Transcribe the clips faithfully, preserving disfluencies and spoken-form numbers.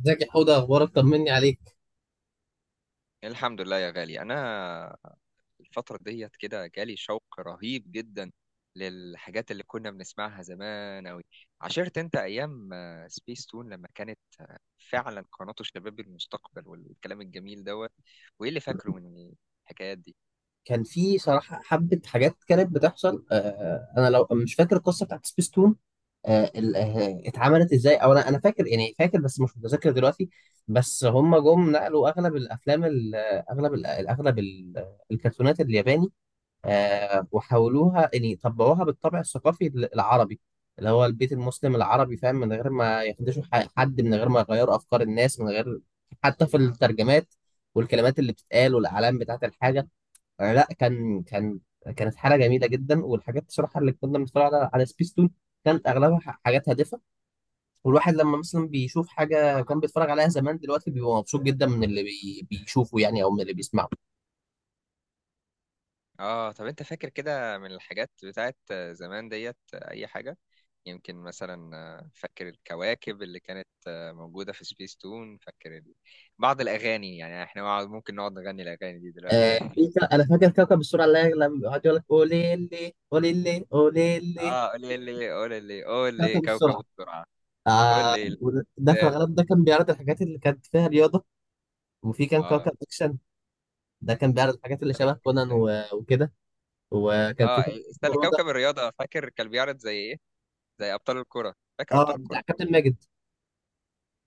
ازيك يا حوده؟ اخبارك، طمني عليك. الحمد لله يا غالي. انا الفتره ديت كده جالي شوق رهيب جدا للحاجات اللي كنا بنسمعها زمان اوي. عشرت انت ايام سبيس تون لما كانت آه، فعلا قناه شباب المستقبل والكلام الجميل دوت. وايه اللي فاكره من الحكايات دي؟ كان في صراحه حبه حاجات كانت بتحصل. آه انا لو مش فاكر القصه بتاعت سبيستون آه ال- آه، اتعملت ازاي، او انا انا فاكر يعني فاكر بس مش متذكر دلوقتي. بس هم جم نقلوا اغلب الافلام ال- آه، اغلب ال- آه، اغلب ال- آه، الكرتونات الياباني، آه، وحولوها يعني طبقوها بالطابع الثقافي ال- العربي اللي هو البيت المسلم العربي، فاهم؟ من غير ما يخدشوا ح- حد، من غير ما يغيروا أفكار الناس، من غير حتى في الترجمات والكلمات اللي بتتقال والأعلام بتاعة الحاجة. آه، لا، كان كان كانت حالة جميلة جدا. والحاجات بصراحة اللي كنا بنتفرج على على سبيستون كانت أغلبها ح- حاجات هادفة. والواحد لما مثلا بيشوف حاجة كان بيتفرج عليها زمان، دلوقتي بيبقى مبسوط جدا من اللي بي- بيشوفه يعني، أو من اللي بيسمعه. اه، طب انت فاكر كده من الحاجات بتاعت آه، زمان ديت آه، اي حاجه؟ يمكن مثلا، آه، فاكر الكواكب اللي كانت آه، موجودة في سبيس تون؟ فاكر ال- بعض الأغاني؟ يعني احنا نقعد- ممكن نقعد نغني الأغاني دي دلوقتي آه يعني. في ك- انا فاكر كوكب السرعه، اللي هي لما بيقعد يقول لك قولي لي قولي لي قولي لي اه، قولي لي قولي لي قولي لي كوكب كوكب السرعه. السرعة. آه. قولي ده في الزلزال. الغالب ده كان بيعرض الحاجات اللي كانت فيها رياضه. وفي كان اه، كوكب اكشن، ده كان بيعرض الحاجات اللي شبه كونان زي- و- وكده. وكان في اه، كوكب استنى، فرادة. كوكب الرياضة، فاكر كان بيعرض زي ايه؟ زي أبطال الكرة، فاكر اه، أبطال بتاع الكرة؟ كابتن ماجد.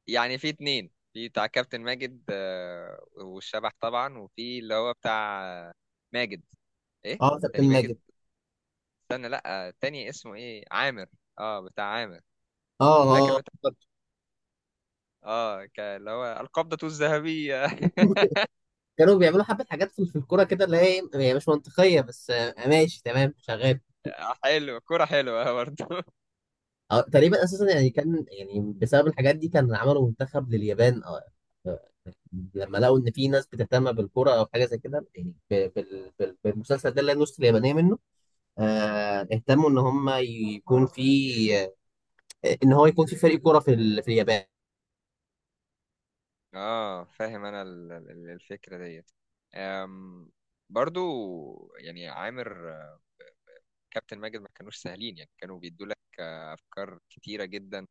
يعني في اتنين، في بتاع كابتن ماجد آه، والشبح طبعا، وفي اللي هو بتاع آه، ماجد. ايه؟ اه كابتن تاني ماجد. ماجد. استنى، لا، التاني اسمه ايه، عامر. اه، بتاع عامر. اه. فاكر اه. بتاع، اه، ك- اللي هو القبضة الذهبية. كانوا بيعملوا حبة حاجات في في الكورة كده اللي هي إيه، هي مش منطقية بس آه، ماشي تمام شغال. حلوة، كرة حلوة، برضو. أو تقريبا أساسا يعني كان يعني بسبب الحاجات دي كان عملوا منتخب لليابان، آه، لما لقوا ان في ناس بتهتم بالكرة او حاجه زي كده، يعني ب- بال- بال- بالمسلسل ده اللي النص اليابانيه منه. آه، اهتموا ان هم يكون في، آه، ان هو يكون في فريق كرة في ال- في اليابان. اه، فاهم انا ال- ال- الفكرة ديت. أم. برضو يعني عامر آه، كابتن ماجد، ما كانوش سهلين، يعني كانوا بيدوا لك آه، افكار كتيرة جدا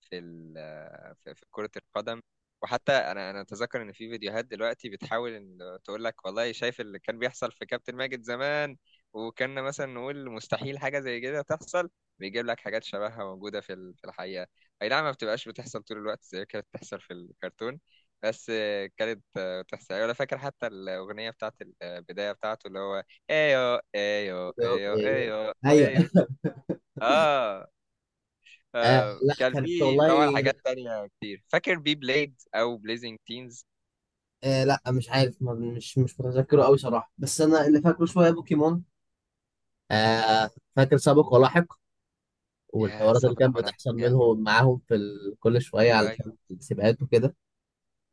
في ال- في في كرة القدم. وحتى انا انا اتذكر ان في فيديوهات دلوقتي بتحاول ان تقول لك والله شايف اللي كان بيحصل في كابتن ماجد زمان، وكنا مثلا نقول مستحيل حاجة زي كده تحصل. بيجيب لك حاجات شبهها موجودة في ال- في الحقيقة. اي نعم، ما بتبقاش بتحصل طول الوقت زي كانت بتحصل في الكرتون، بس كانت بتحصل. ولا فاكر حتى الأغنية بتاعت البداية بتاعته، اللي هو ايو ايو ايو ايوه، ايو ايوه. ايو؟ اه. آه آه، لا، كان كانت في والله، طبعا لا، حاجات تانية كتير. فاكر بي بليد او بليزنج تينز؟ آه لا مش عارف، ما- مش مش متذكره قوي صراحه، بس انا اللي فاكره شويه بوكيمون. آه. فاكر سابق ولاحق، يا والحوارات اللي صابر كانت ولا بتحصل حاجة؟ منهم معاهم في ال- كل شويه على ايوه، ايوه. السباقات وكده.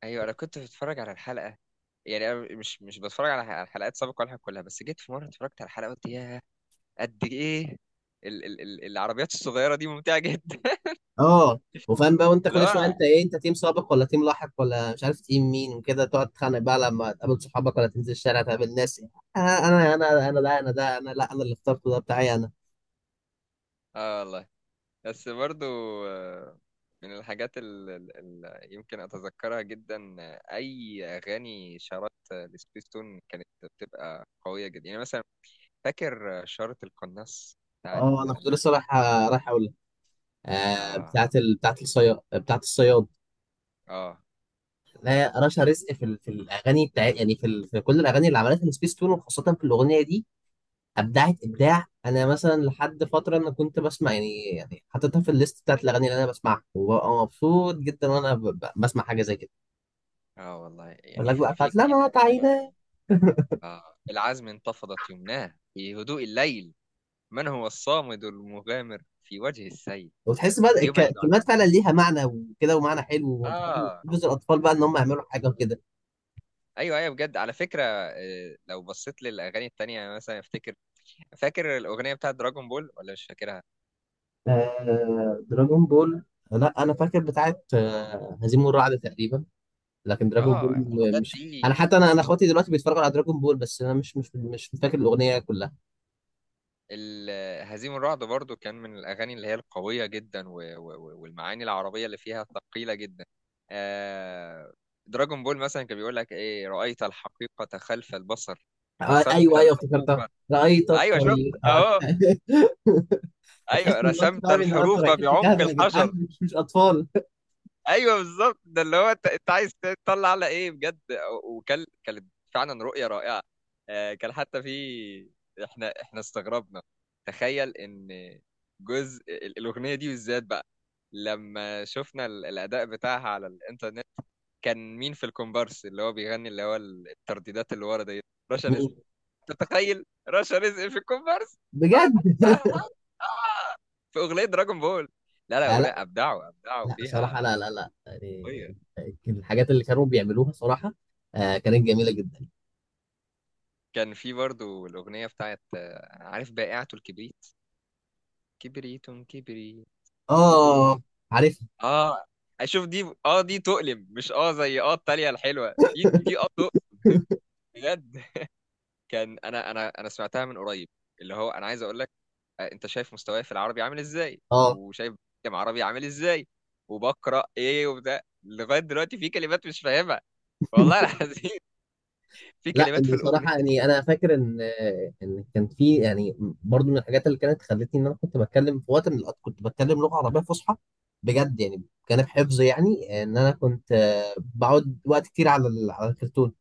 ايوه، انا كنت بتفرج على الحلقة. يعني انا مش مش بتفرج على على الحلقات سابق ولا حاجة كلها، بس جيت في مرة اتفرجت على الحلقة، قلت يا قد ايه ال ال ال العربيات الصغيرة دي ممتعة جدا. اه. وفاهم بقى، وانت كل شويه لا. انت ايه، انت تيم سابق ولا تيم لاحق ولا مش عارف تيم مين، وكده تقعد تتخانق بقى لما تقابل صحابك ولا تنزل الشارع تقابل ناس. آه، انا انا انا ده انا، ده انا، لا انا اللي اخترته ده بتاعي انا. اه والله. بس برضو آه، من الحاجات اللي يمكن اتذكرها جدا آه، اي اغاني شارات آه، لسبيستون، كانت بتبقى قوية جدا. يعني مثلا فاكر شارة القناص بتاعت؟ اه، انا كنت لسه رايح رايح اقول لك. آه اه. بتاعت ال... بتاعت الصياد، بتاعت الصياد. اه. لا، رشا رزق في ال... في الاغاني بتاع يعني في ال... في كل الاغاني اللي عملتها سبيس تون، وخاصه في الاغنيه دي ابدعت ابداع. انا مثلا لحد فتره انا كنت بسمع يعني يعني حاططها في الليست بتاعت الاغاني اللي انا بسمعها، وببقى مبسوط جدا وانا ب- ب- بسمع حاجه زي كده. اه والله، اقول يعني لك بقى في, بتاعت في لما كده، تعينا، آه العزم انتفضت يمناه في هدوء الليل، من هو الصامد المغامر في وجه السيل، وتحس بقى الك- يبعد عن الكلمات فعلا عمان. ليها معنى وكده، ومعنى حلو، وانت فاهم اه، جزء الاطفال بقى ان هم يعملوا حاجه وكده. ايوه ايوه. بجد على فكرة، آه، لو بصيت للاغاني التانية مثلا افتكر، فاكر الاغنية بتاعت دراجون بول ولا مش فاكرها؟ آه، دراجون بول. لا انا فاكر بتاعت آه هزيم والرعد تقريبا. لكن دراجون بول، اه، م- الحاجات مش دي. انا حتى انا انا اخواتي دلوقتي بيتفرجوا على دراجون بول، بس انا مش مش مش فاكر الاغنيه كلها. ال- هزيم الرعد برضو كان من الأغاني اللي هي القوية جدا و- و- و- والمعاني العربية اللي فيها ثقيلة جدا. آه، دراجون بول مثلا كان بيقول لك إيه، رأيت الحقيقة خلف البصر، آه، رسمت ايوه ايوه، الحروف. افتكرتها، رأيت أيوه شفت، الطريق آه. أهو. أيوه، هتحس ان انت رسمت فاهم ان انتوا الحروف رايحين بعمق تجاهدوا يا جدعان، الحجر. مش مش اطفال. ايوه بالظبط، ده اللي هو انت، انت عايز تطلع على ايه بجد. وكان، كانت فعلا رؤيه رائعه. آه، كان حتى في، احنا احنا استغربنا. تخيل ان جزء ال- الاغنيه دي بالذات بقى، لما شفنا ال- الاداء بتاعها على الانترنت، كان مين في الكومبارس اللي هو بيغني، اللي هو ال- الترديدات اللي ورا دي؟ رشا رزق. مين؟ تتخيل رشا رزق في الكومبارس؟ آه، بجد؟ ده في اغنيه دراجون بول. لا لا، آه اغنيه لا، ابدعوا، ابدعوا لا صراحه، فيها. لا لا لا يعني، كان الحاجات اللي كانوا بيعملوها صراحه، آه كانت جميله جدا. كان في برضو الأغنية بتاعت آه، أنا عارف، بائعة الكبريت. كبريت، كبريت. كبريت. اه، عارفها. آه، أشوف دي، آه دي تؤلم، مش آه زي آه التالية الحلوة دي، دي آه تؤلم بجد. كان أنا أنا أنا سمعتها من قريب، اللي هو أنا عايز أقول لك، آه، أنت شايف مستواي في العربي عامل إزاي، اه. وشايف كم عربي عامل إزاي، وبقرأ إيه وبتاع، لغاية دلوقتي في كلمات مش فاهمها، والله العظيم. في لا كلمات في الأغنية بصراحة يعني دي. أنا فاكر إن إن كان في يعني برضو من الحاجات اللي كانت خلتني إن أنا كنت بتكلم في وقت من الأوقات، كنت بتكلم لغة عربية فصحى بجد يعني. جانب حفظ يعني إن أنا كنت آه، بقعد وقت كتير على ال- على الكرتون.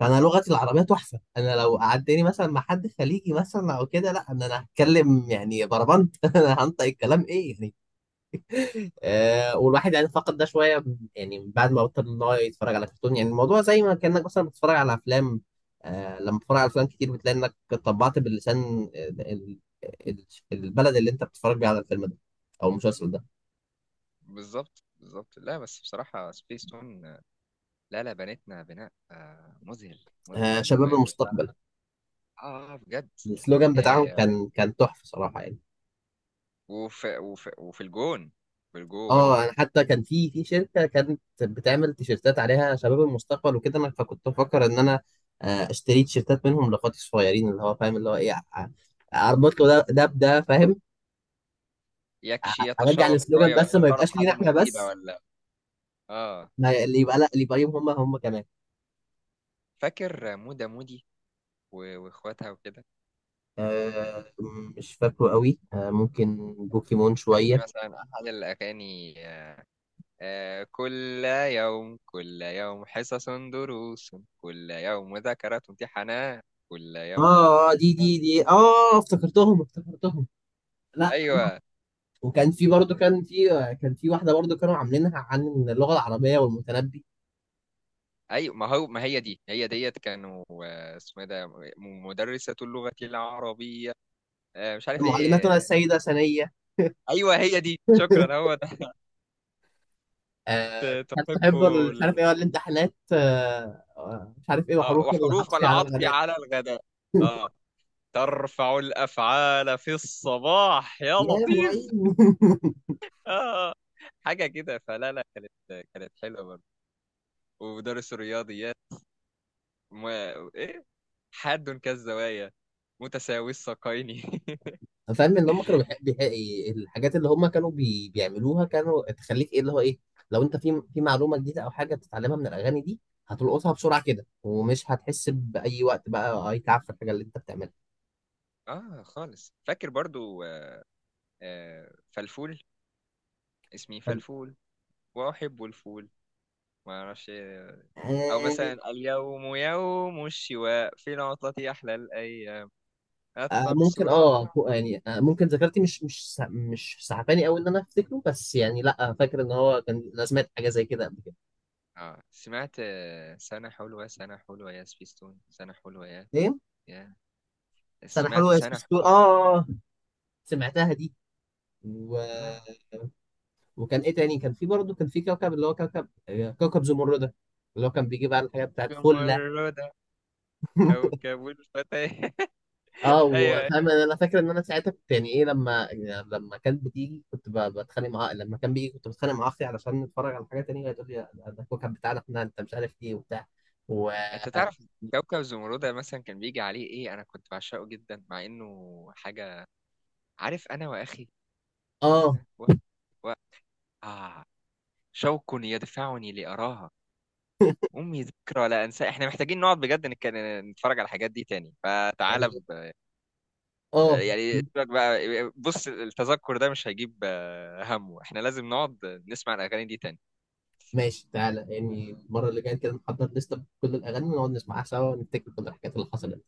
فأنا لغتي العربية تحفة. أنا لو قعدتني مثلا مع حد خليجي مثلا أو كده، لا أنا أنا هتكلم يعني بربنت. أنا هنطق الكلام إيه يعني. آه والواحد يعني فقد ده شويه، يعني بعد ما بطل ان هو يتفرج على كرتون. يعني الموضوع زي ما كانك مثلا بتتفرج على افلام. آه لما بتتفرج على افلام كتير بتلاقي انك طبعت باللسان ال- ال- ال- البلد اللي انت بتتفرج بيه على الفيلم ده او المسلسل ده. بالظبط، بالظبط. لا بس بصراحة سبيس تون، لا لا، بنتنا بناء آه، مذهل. آه، مذهل شباب و... و... المستقبل، اه. آه، بجد. السلوجان بتاعهم آه، كان كان تحفه صراحه يعني. وفي وفي وفي الجون. في الجون. اه، انا حتى كان في في شركه كانت بتعمل تيشيرتات عليها شباب المستقبل وكده، انا فكنت بفكر ان انا آه، اشتري تيشيرتات منهم لاخواتي الصغيرين، اللي هو فاهم اللي هو ايه، ع- اربط له ده ده بده، فاهم؟ ع- يكشي ارجع يتشوق السلوجان، شوية بس ما ويتشرب يبقاش لينا حاجة احنا مفيدة بس، ولا. اه، ما ي- اللي يبقى لا اللي يبقى ليهم هم هم كمان. فاكر مودة مودي و- واخواتها وكده؟ آه، مش فاكره قوي، آه ممكن بوكيمون كان في شويه. مثلا احد الاغاني آه، آه، كل يوم، كل يوم حصص دروس، كل يوم مذاكرات امتحانات، كل اه، يوم. آه، دي دي دي اه افتكرتهم افتكرتهم. لا، ايوه، وكان في برضه كان في كان في واحده برضه كانوا عاملينها عن اللغه العربيه والمتنبي. ايوه. ما هو ما هي دي، هي ديت، كانوا آه، اسمه ايه ده، م- مدرسة اللغة العربية. آه، مش عارف معلماتنا ايه. السيده ثانيه، ايوه، هي دي، شكرا، هو ده. آه، ت- هل تحب تحب ال- مش ال... عارف ايه الامتحانات آه، آه، مش عارف ايه، آه، وحروف وحروف العطف على العطف الغداء، على الغداء. اه، ترفع الافعال في الصباح يا يا لطيف. معين. اه، حاجة كده. فلا لا، كانت كانت حلوة برضه. ومدرس الرياضيات، م... ايه، حاد كالزوايا، متساوي الساقين. فاهم ان هم كانوا بيحب بيحب- الحاجات اللي هم كانوا بي... بيعملوها كانوا تخليك ايه، اللي هو ايه، لو انت في في معلومه جديده او حاجه بتتعلمها من الاغاني دي، هتلقطها بسرعه كده، ومش هتحس باي وقت بقى اي تعب في الحاجه اللي انت اه خالص. فاكر برضو آه، فلفول، اسمي بتعملها. فلفول وأحب الفول، ما أعرفش إيه. أو مثلا اليوم يوم الشواء في العطلة أحلى الأيام، آه، ممكن التقصيرات. اه هو يعني، آه، ممكن ذاكرتي مش مش سع- مش سعباني قوي ان انا افتكره، بس يعني لا فاكر ان هو كان انا سمعت حاجه زي كده قبل كده. آه، سمعت آه، سنة حلوة، سنة حلوة يا سبيستون، سنة حلوة يا، ايه؟ يا. سنه سمعت حلوه يا سنة سبيستون، اه حلوة. آه، آه، سمعتها دي. و... آه وكان ايه تاني، كان في برضه كان في كوكب اللي هو كوكب، آه، كوكب زمردة، اللي هو كان بيجيب على الحاجات بتاعت فله. زمردة. كوكب الفتى. اه، أيوه وفاهم انا، أنا فاكر ان انا ساعتها كنت يعني ايه، لما يعني لما كانت بتيجي كنت ب- بتخانق معاها، لما كان بيجي كنت بتخانق مع اختي علشان نتفرج على حاجه تانية، وهي تقول لي ده ده الكوكب بتاعنا احنا، انت مش عارف ايه وبتاع. و انت تعرف كوكب زمردة مثلا كان بيجي عليه ايه، انا كنت بعشقه جدا، مع انه حاجة، عارف، انا واخي، اه. انا و... و... آه، شوق يدفعني لأراها، أمي ذكرى لا أنسى. إحنا محتاجين نقعد بجد، نك- نتفرج على الحاجات دي تاني. يعني. فتعالى ب... اه، يعني سيبك بقى، بص، التذكر ده مش هيجيب آه، همه إحنا لازم نقعد نسمع الأغاني دي تاني. ماشي، تعالى يعني المره اللي جايه كده نحضر لسته بكل الاغاني ونقعد نسمعها سوا ونفتكر كل الحاجات اللي حصلت.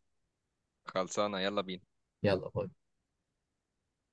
خلصانة، يلا بينا. يلا باي.